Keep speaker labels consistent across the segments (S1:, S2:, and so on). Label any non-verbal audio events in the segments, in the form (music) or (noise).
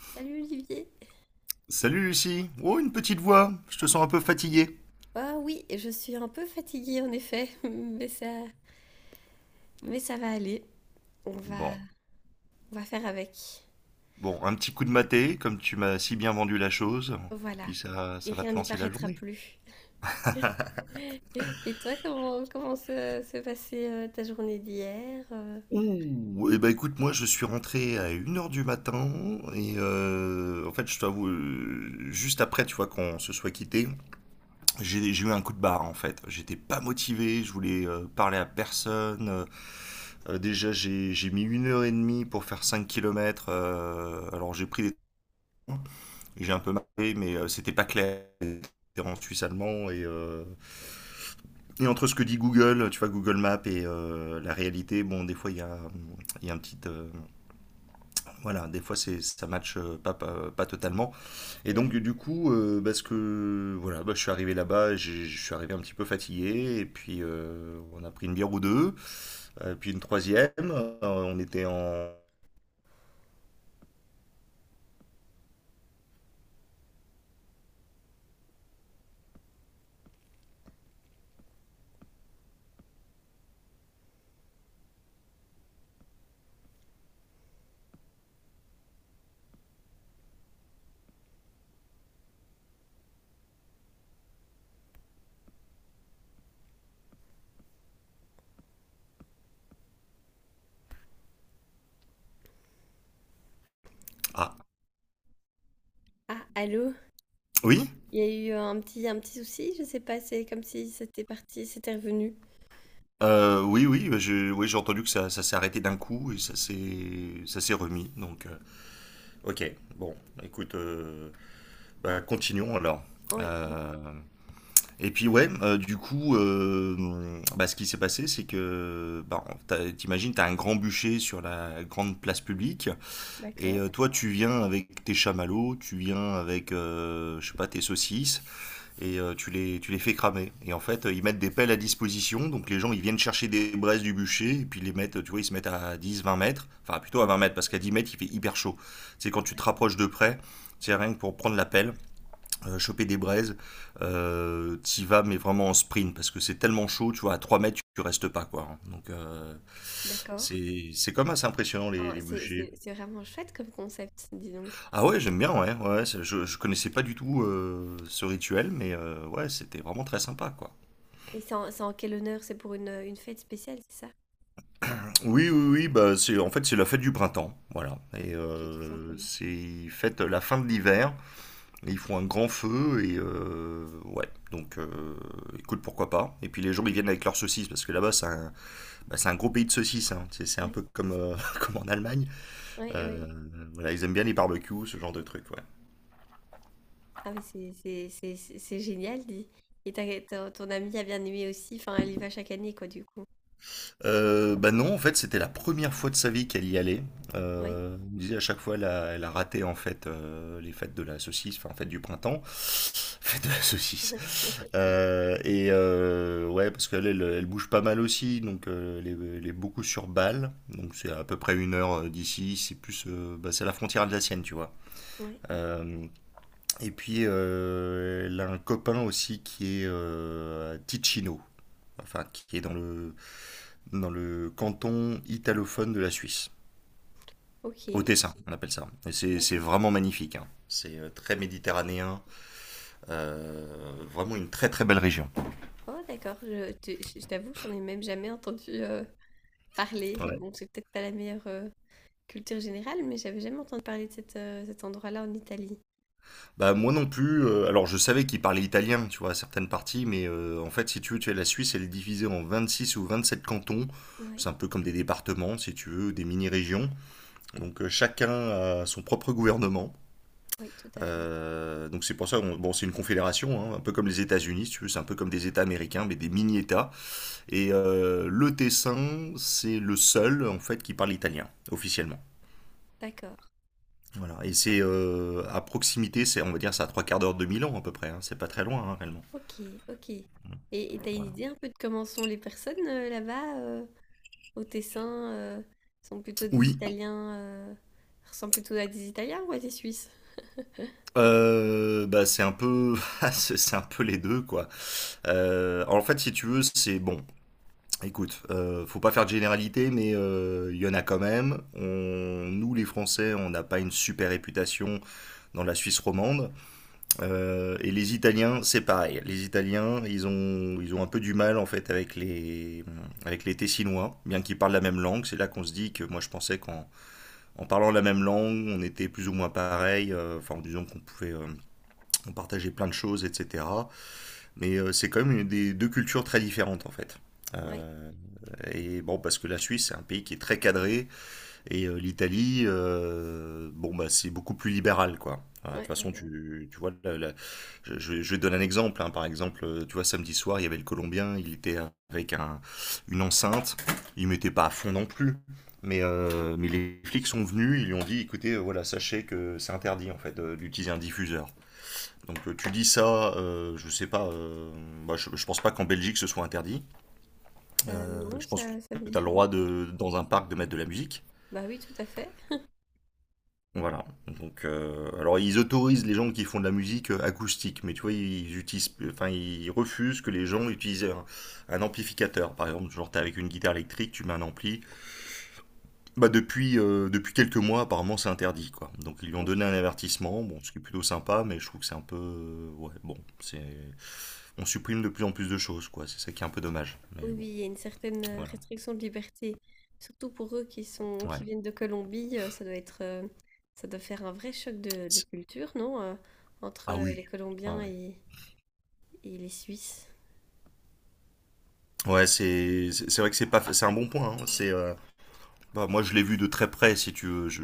S1: Salut Olivier.
S2: Salut Lucie. Oh, une petite voix. Je te sens un peu fatiguée.
S1: Ah oui, je suis un peu fatiguée en effet, (laughs) mais ça va aller. On va,
S2: Bon,
S1: on va faire avec.
S2: bon, un petit coup de maté, comme tu m'as si bien vendu la chose. Et
S1: Voilà.
S2: puis ça,
S1: Et
S2: ça va
S1: rien
S2: te
S1: n'y
S2: lancer la
S1: paraîtra
S2: journée.
S1: plus. (laughs) Et toi, comment se passait ta journée d'hier?
S2: Ouh, eh ben écoute, moi je suis rentré à 1 heure du matin et en fait je t'avoue, juste après tu vois qu'on se soit quitté, j'ai eu un coup de barre en fait. J'étais pas motivé, je voulais parler à personne. Déjà j'ai mis 1 heure et demie pour faire 5 kilomètres, alors j'ai pris des trains. J'ai un peu marqué, mais c'était pas clair. C'était en suisse allemand et et entre ce que dit Google, tu vois, Google Maps et la réalité, bon, des fois, il y a un petit, voilà, des fois, ça match pas totalement. Et donc,
S1: Ouais.
S2: du coup, parce que voilà, bah, je suis arrivé là-bas, je suis arrivé un petit peu fatigué, et puis on a pris une bière ou deux, puis une troisième. On était en. Ah,
S1: Ah, allô?
S2: oui.
S1: Il y a eu un un petit souci, je sais pas, c'est comme si c'était parti, c'était revenu.
S2: Oui, oui, bah, oui, j'ai entendu que ça s'est arrêté d'un coup et ça s'est remis. Donc, ok, bon, écoute, bah, continuons alors.
S1: Oh oui, oui,
S2: Euh, et puis ouais, du coup, bah, ce qui s'est passé, c'est que, bah, t'imagines, t'as un grand bûcher sur la grande place publique, et
S1: d'accord.
S2: toi, tu viens avec tes chamallows, tu viens avec, je sais pas, tes saucisses, et tu les fais cramer. Et en fait, ils mettent des pelles à disposition, donc les gens ils viennent chercher des braises du bûcher, et puis ils les mettent, tu vois, ils se mettent à 10 20 mètres, enfin plutôt à
S1: Donc,
S2: 20 mètres, parce qu'à 10 mètres il fait hyper chaud. C'est quand tu te
S1: ouais,
S2: rapproches de près, c'est rien que pour prendre la pelle, choper des braises, t'y vas, mais vraiment en sprint, parce que c'est tellement chaud, tu vois, à 3 mètres tu restes pas, quoi, hein. Donc
S1: d'accord.
S2: c'est quand même assez impressionnant les,
S1: Ah,
S2: les bûchers.
S1: c'est vraiment chouette comme concept, dis donc.
S2: Ah ouais, j'aime bien, ouais, ouais, je connaissais pas du tout ce rituel, mais ouais, c'était vraiment très sympa, quoi.
S1: Et c'est en quel honneur? C'est pour une fête spéciale, c'est ça?
S2: Oui, oui, oui, bah c'est en fait c'est la fête du printemps, voilà. Et
S1: Ok, tout simplement.
S2: c'est fête la fin de l'hiver. Et ils font un grand feu et ouais. Donc écoute, pourquoi pas. Et puis les gens ils viennent avec leurs saucisses parce que là-bas c'est un gros pays de saucisses, hein. C'est un
S1: Oui,
S2: peu comme (laughs) comme en Allemagne.
S1: oui,
S2: Euh,
S1: oui.
S2: voilà, ils aiment bien les barbecues, ce genre de trucs. Ouais.
S1: Ah, mais c'est génial, dis. Et ton, ton amie a bien aimé aussi. Enfin, elle y va chaque année, quoi, du coup.
S2: Bah non, en fait, c'était la première fois de sa vie qu'elle y allait.
S1: Oui.
S2: Elle me disait à chaque fois, elle a raté en fait les fêtes de la saucisse, enfin fête du printemps, (laughs) fête de la saucisse.
S1: (laughs)
S2: Ouais, parce qu'elle, elle, elle bouge pas mal aussi, donc elle est beaucoup sur Bâle, donc c'est à peu près 1 heure d'ici. C'est plus, bah, c'est la frontière alsacienne, tu vois.
S1: Ouais, ouais.
S2: Euh, et puis elle a un copain aussi qui est à Ticino, enfin qui est dans le canton italophone de la Suisse.
S1: Ok,
S2: Au Tessin, on appelle ça. Et c'est
S1: d'accord.
S2: vraiment magnifique, hein. C'est très méditerranéen. euh, Vraiment une très très belle région.
S1: Oh, d'accord. Je t'avoue, j'en ai même jamais entendu parler.
S2: Ouais.
S1: Bon, c'est peut-être pas la meilleure culture générale, mais j'avais jamais entendu parler de cette, cet endroit-là en Italie.
S2: Bah moi non plus. Alors je savais qu'ils parlaient italien, tu vois, à certaines parties, mais en fait, si tu veux, tu as la Suisse, elle est divisée en 26 ou 27 cantons.
S1: Oui,
S2: C'est un peu comme des départements, si tu veux, ou des mini-régions. Donc chacun a son propre gouvernement.
S1: oui, tout à fait.
S2: Donc c'est pour ça, bon, c'est une confédération, hein, un peu comme les États-Unis, si tu veux, c'est un peu comme des États américains, mais des mini-États. Et le Tessin, c'est le seul en fait qui parle italien officiellement.
S1: D'accord.
S2: Voilà. Et c'est à proximité, c'est on va dire c'est à trois quarts d'heure de Milan à peu près, hein. C'est pas très loin hein, réellement.
S1: Ok, ok. Et t'as une
S2: Voilà.
S1: idée un peu de comment sont les personnes là-bas, au Tessin sont plutôt des
S2: Oui.
S1: Italiens, euh, ressemblent plutôt à des Italiens ou à des Suisses?
S2: Bah c'est un peu, (laughs) c'est un peu les deux quoi. En fait, si tu veux, c'est bon. Écoute, faut pas faire de généralité, mais il y en a quand même. Nous, les Français, on n'a pas une super réputation dans la Suisse romande. Et les Italiens, c'est pareil. Les Italiens, ils ont un peu du mal en fait avec les Tessinois, bien qu'ils parlent la même langue. C'est là qu'on se dit que moi je pensais qu'en en parlant la même langue, on était plus ou moins pareil, enfin en disant qu'on pouvait on partageait plein de choses, etc. Mais c'est quand même une des deux cultures très différentes en fait.
S1: Ouais,
S2: Euh, et bon, parce que la Suisse, c'est un pays qui est très cadré, et l'Italie, bon bah c'est beaucoup plus libéral quoi. Enfin, de toute façon,
S1: ouais.
S2: tu vois, je donne un exemple, hein. Par exemple, tu vois, samedi soir, il y avait le Colombien, il était avec un, une enceinte, il mettait pas à fond non plus. Mais les flics sont venus, ils lui ont dit, écoutez, voilà, sachez que c'est interdit en fait d'utiliser un diffuseur. Donc tu dis ça, je sais pas, bah, je pense pas qu'en Belgique ce soit interdit.
S1: Non,
S2: Je pense que
S1: ça, ça me
S2: tu as
S1: dit
S2: le
S1: rien.
S2: droit de, dans un parc de mettre de la musique.
S1: Bah oui, tout à fait.
S2: Voilà. Donc, alors ils autorisent les gens qui font de la musique acoustique, mais tu vois, ils utilisent, enfin, ils refusent que les gens utilisent un amplificateur. Par exemple, genre t'es avec une guitare électrique, tu mets un ampli. Bah depuis quelques mois, apparemment, c'est interdit, quoi. Donc ils lui ont
S1: Ok.
S2: donné un avertissement, bon, ce qui est plutôt sympa, mais je trouve que c'est un peu, ouais, bon, c'est, on supprime de plus en plus de choses, quoi. C'est ça qui est un peu dommage. Mais
S1: Oui,
S2: bon,
S1: oui, il y a une certaine
S2: voilà.
S1: restriction de liberté, surtout pour eux qui sont,
S2: Ouais.
S1: qui viennent de Colombie. Ça doit être, ça doit faire un vrai choc de
S2: C'est-
S1: culture, non? Entre
S2: Ah
S1: les
S2: oui. Ouais,
S1: Colombiens
S2: ouais.
S1: et les Suisses.
S2: Ouais, c'est vrai que c'est pas, c'est un bon point, hein. Bah, moi, je l'ai vu de très près, si tu veux.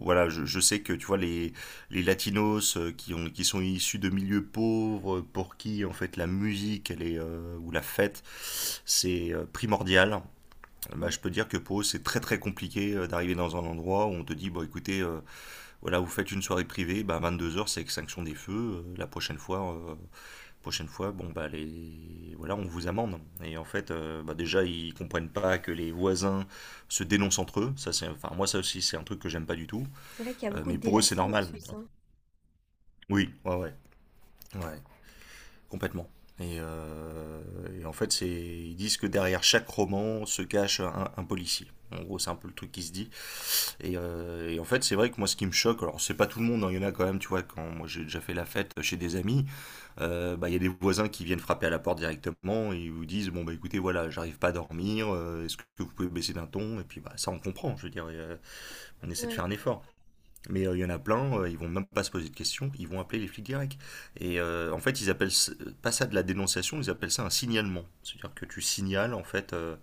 S2: Voilà, je sais que, tu vois, les latinos qui sont issus de milieux pauvres, pour qui, en fait, la musique, elle est, ou la fête, c'est primordial. Bah, je
S1: Oui,
S2: peux dire que pour eux, c'est très, très compliqué d'arriver dans un endroit où on te dit, bon, écoutez, voilà, vous faites une soirée privée, bah, 22 heures c'est extinction des feux. euh, la prochaine fois, euh, Prochaine fois, bon bah les voilà, on vous amende. Et en fait, bah, déjà ils comprennent pas que les voisins se dénoncent entre eux. Ça c'est, enfin moi ça aussi c'est un truc que j'aime pas du tout.
S1: c'est vrai qu'il y a beaucoup de
S2: Mais pour eux c'est
S1: délation en
S2: normal.
S1: Suisse,
S2: Oui, ouais, ouais, ouais, complètement. Et, euh, et en fait c'est, ils disent que derrière chaque roman se cache un policier. En gros, c'est un peu le truc qui se dit. Et en fait, c'est vrai que moi, ce qui me choque, alors c'est pas tout le monde, hein, il y en a quand même, tu vois, quand moi j'ai déjà fait la fête chez des amis, bah, il y a des voisins qui viennent frapper à la porte directement et ils vous disent bon bah écoutez voilà j'arrive pas à dormir, est-ce que vous pouvez baisser d'un ton, et puis bah ça on comprend, je veux dire, on essaie de
S1: Ouais,
S2: faire un effort, mais il y en a plein, ils vont même pas se poser de questions, ils vont appeler les flics directs. Et en fait pas ça de la dénonciation, ils appellent ça un signalement, c'est-à-dire que tu signales en fait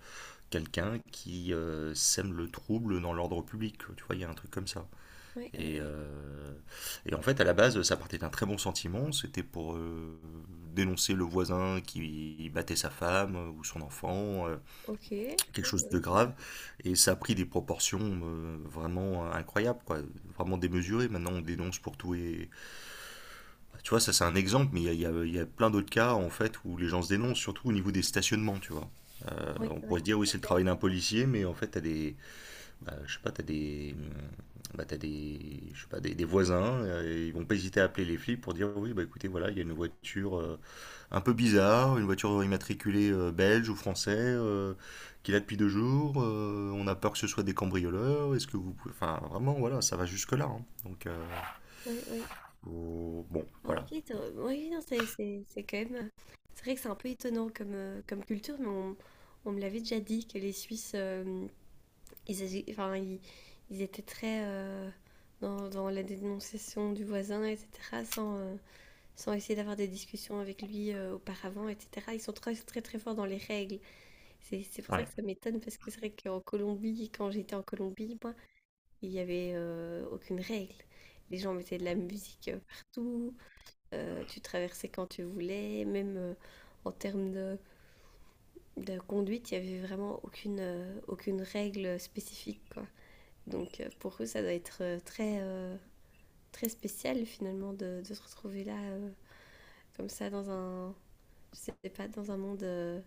S2: quelqu'un qui sème le trouble dans l'ordre public, tu vois, il y a un truc comme ça. et,
S1: ouais.
S2: euh, et en fait, à la base, ça partait d'un très bon sentiment. C'était pour dénoncer le voisin qui battait sa femme ou son enfant,
S1: Ok.
S2: quelque
S1: Oui,
S2: chose de
S1: oui, ça-
S2: grave. Et ça a pris des proportions vraiment incroyables, quoi, vraiment démesurées. Maintenant, on dénonce pour tout et Bah, tu vois, ça c'est un exemple, mais il y a plein d'autres cas, en fait, où les gens se dénoncent, surtout au niveau des stationnements, tu vois.
S1: oui,
S2: On pourrait
S1: oui,
S2: se dire, oui,
S1: tout à
S2: c'est le
S1: fait.
S2: travail d'un policier, mais en fait, je sais pas, t'as des, je sais pas, des voisins, ils vont pas hésiter à appeler les flics pour dire oui, bah écoutez, voilà, il y a une voiture un peu bizarre, une voiture immatriculée belge ou français, qui est là depuis deux jours, on a peur que ce soit des cambrioleurs, est-ce que vous pouvez... Enfin, vraiment, voilà, ça va jusque-là. Hein. Donc,
S1: Oui, oui.
S2: bon,
S1: Ah,
S2: voilà.
S1: ok, oui, oui, non, c'est quand même. C'est vrai que c'est un peu étonnant comme, comme culture, on me l'avait déjà dit que les Suisses, ils, agi- enfin, ils, ils étaient très dans la dénonciation du voisin, etc., sans, sans essayer d'avoir des discussions avec lui auparavant, etc. Ils sont très forts dans les règles. C'est pour ça
S2: Ouais.
S1: que ça m'étonne, parce que c'est vrai quand j'étais en Colombie, il n'y avait aucune règle. Les gens mettaient de la musique partout, tu traversais quand tu voulais, même en termes de conduite, il n'y avait vraiment aucune, aucune règle spécifique, quoi. Donc pour eux, ça doit être très, très spécial finalement de se retrouver là, comme ça, dans un, je sais pas, dans un monde...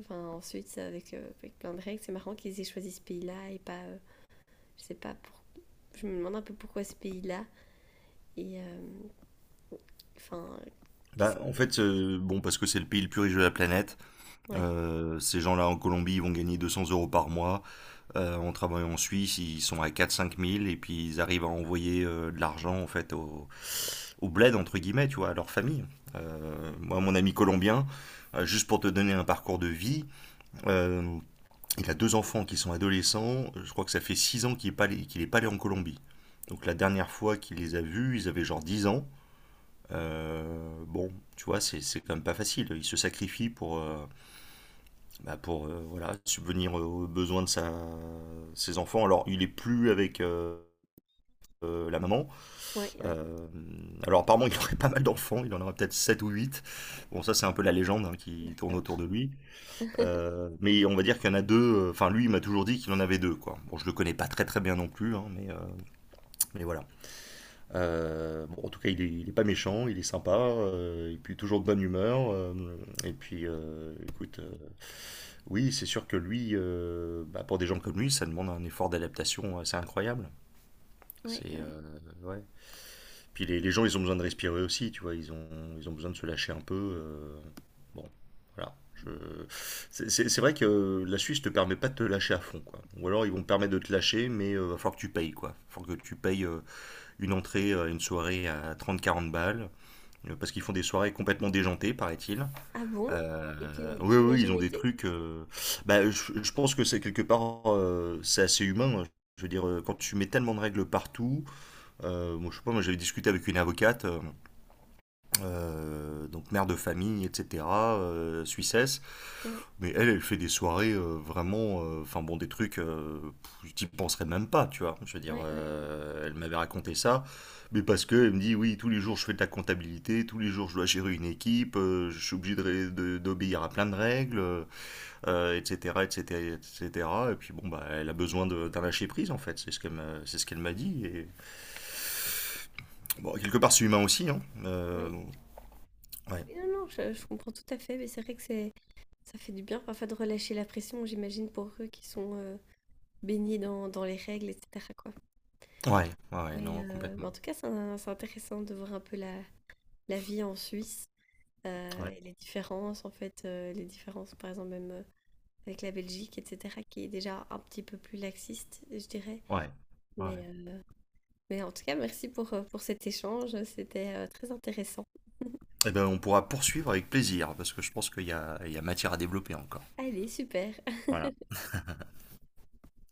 S1: enfin, ensuite, avec, avec plein de règles, c'est marrant qu'ils aient choisi ce pays-là et pas, je sais pas, pour... je me demande un peu pourquoi ce pays-là. Et enfin, qu'est-ce qu'il est?
S2: Bon, parce que c'est le pays le plus riche de la planète.
S1: Ouais,
S2: Ces gens-là en Colombie, ils vont gagner 200 euros par mois. En travaillant en Suisse, ils sont à 4-5 000 et puis ils arrivent à envoyer de l'argent en fait au bled entre guillemets, tu vois, à leur famille.
S1: ouais,
S2: Moi, mon ami colombien, juste pour te donner un parcours de vie, euh, il a deux enfants qui sont adolescents. Je crois que ça fait 6 ans qu'il est pas allé en Colombie. Donc la dernière fois qu'il les a vus, ils avaient genre 10 ans. Bon, tu vois, c'est quand même pas facile. Ils se sacrifient pour voilà, subvenir aux besoins de ses enfants. Alors, il est plus avec la maman.
S1: ouais, ouais,
S2: Euh, alors, apparemment, (laughs) il aurait pas mal d'enfants. Il en aurait peut-être 7 ou huit. Bon, ça, c'est un peu la légende hein,
S1: ouais,
S2: qui tourne
S1: d'accord.
S2: autour de lui.
S1: (laughs)
S2: Mais on va dire qu'il y en a deux. Enfin, lui, il m'a toujours dit qu'il en avait deux. Quoi. Bon, je le connais pas très très bien non plus, hein, mais voilà. Bon, en tout cas, il est pas méchant, il est sympa, et puis toujours de bonne humeur. Écoute, oui, c'est sûr que lui, pour des gens comme lui, ça demande un effort d'adaptation assez incroyable.
S1: Ouais,
S2: C'est
S1: ouais.
S2: Ouais. Puis les gens, ils ont besoin de respirer aussi, tu vois. Ils ont besoin de se lâcher un peu. Bon, voilà. Je... C'est vrai que la Suisse te permet pas de te lâcher à fond, quoi. Ou alors ils vont te permettre de te lâcher, mais va falloir que tu payes, quoi. Va falloir que tu payes une entrée à une soirée à trente, quarante balles, parce qu'ils font des soirées complètement déjantées, paraît-il.
S1: Ah bon? Et
S2: Oui,
S1: tu n'y as
S2: oui, ils ont
S1: jamais
S2: des
S1: été?
S2: trucs. Je pense que c'est quelque part, c'est assez humain. Hein. Je veux dire, quand tu mets tellement de règles partout, moi, je sais pas, moi j'avais discuté avec une avocate. Donc mère de famille, etc., Suissesse.
S1: Oui,
S2: Mais elle, elle fait des soirées vraiment, enfin bon, des trucs, pff, j'y penserais même pas, tu vois. Je veux dire,
S1: ouais, ouais, ouais,
S2: elle m'avait raconté ça, mais parce que elle me dit, oui, tous les jours je fais de la comptabilité, tous les jours je dois gérer une équipe, je suis obligé de d'obéir à plein de règles, etc., etc., etc. Et cetera. Et puis bon, bah, elle a besoin d'un lâcher prise en fait, c'est ce qu'elle m'a dit. Et bon, quelque part, c'est humain aussi, hein.
S1: ouais.
S2: Bon, ouais.
S1: Mais non, non, je comprends tout à fait, mais c'est vrai que c'est, ça fait du bien parfois de relâcher la pression, j'imagine, pour eux qui sont baignés dans les règles, etc., quoi.
S2: Ouais, ouais, ouais, non,
S1: Mais
S2: complètement.
S1: en tout cas, c'est un- c'est intéressant de voir un peu la, la vie en Suisse
S2: Ouais,
S1: et les différences, en fait, les différences, par exemple, même. Avec la Belgique, etc., qui est déjà un petit peu plus laxiste, je dirais.
S2: ouais, ouais.
S1: Mais, euh, mais en tout cas, merci pour cet échange, c'était très intéressant. (laughs)
S2: Eh ben, on pourra poursuivre avec plaisir, parce que je pense il y a matière à développer encore.
S1: Allez, super.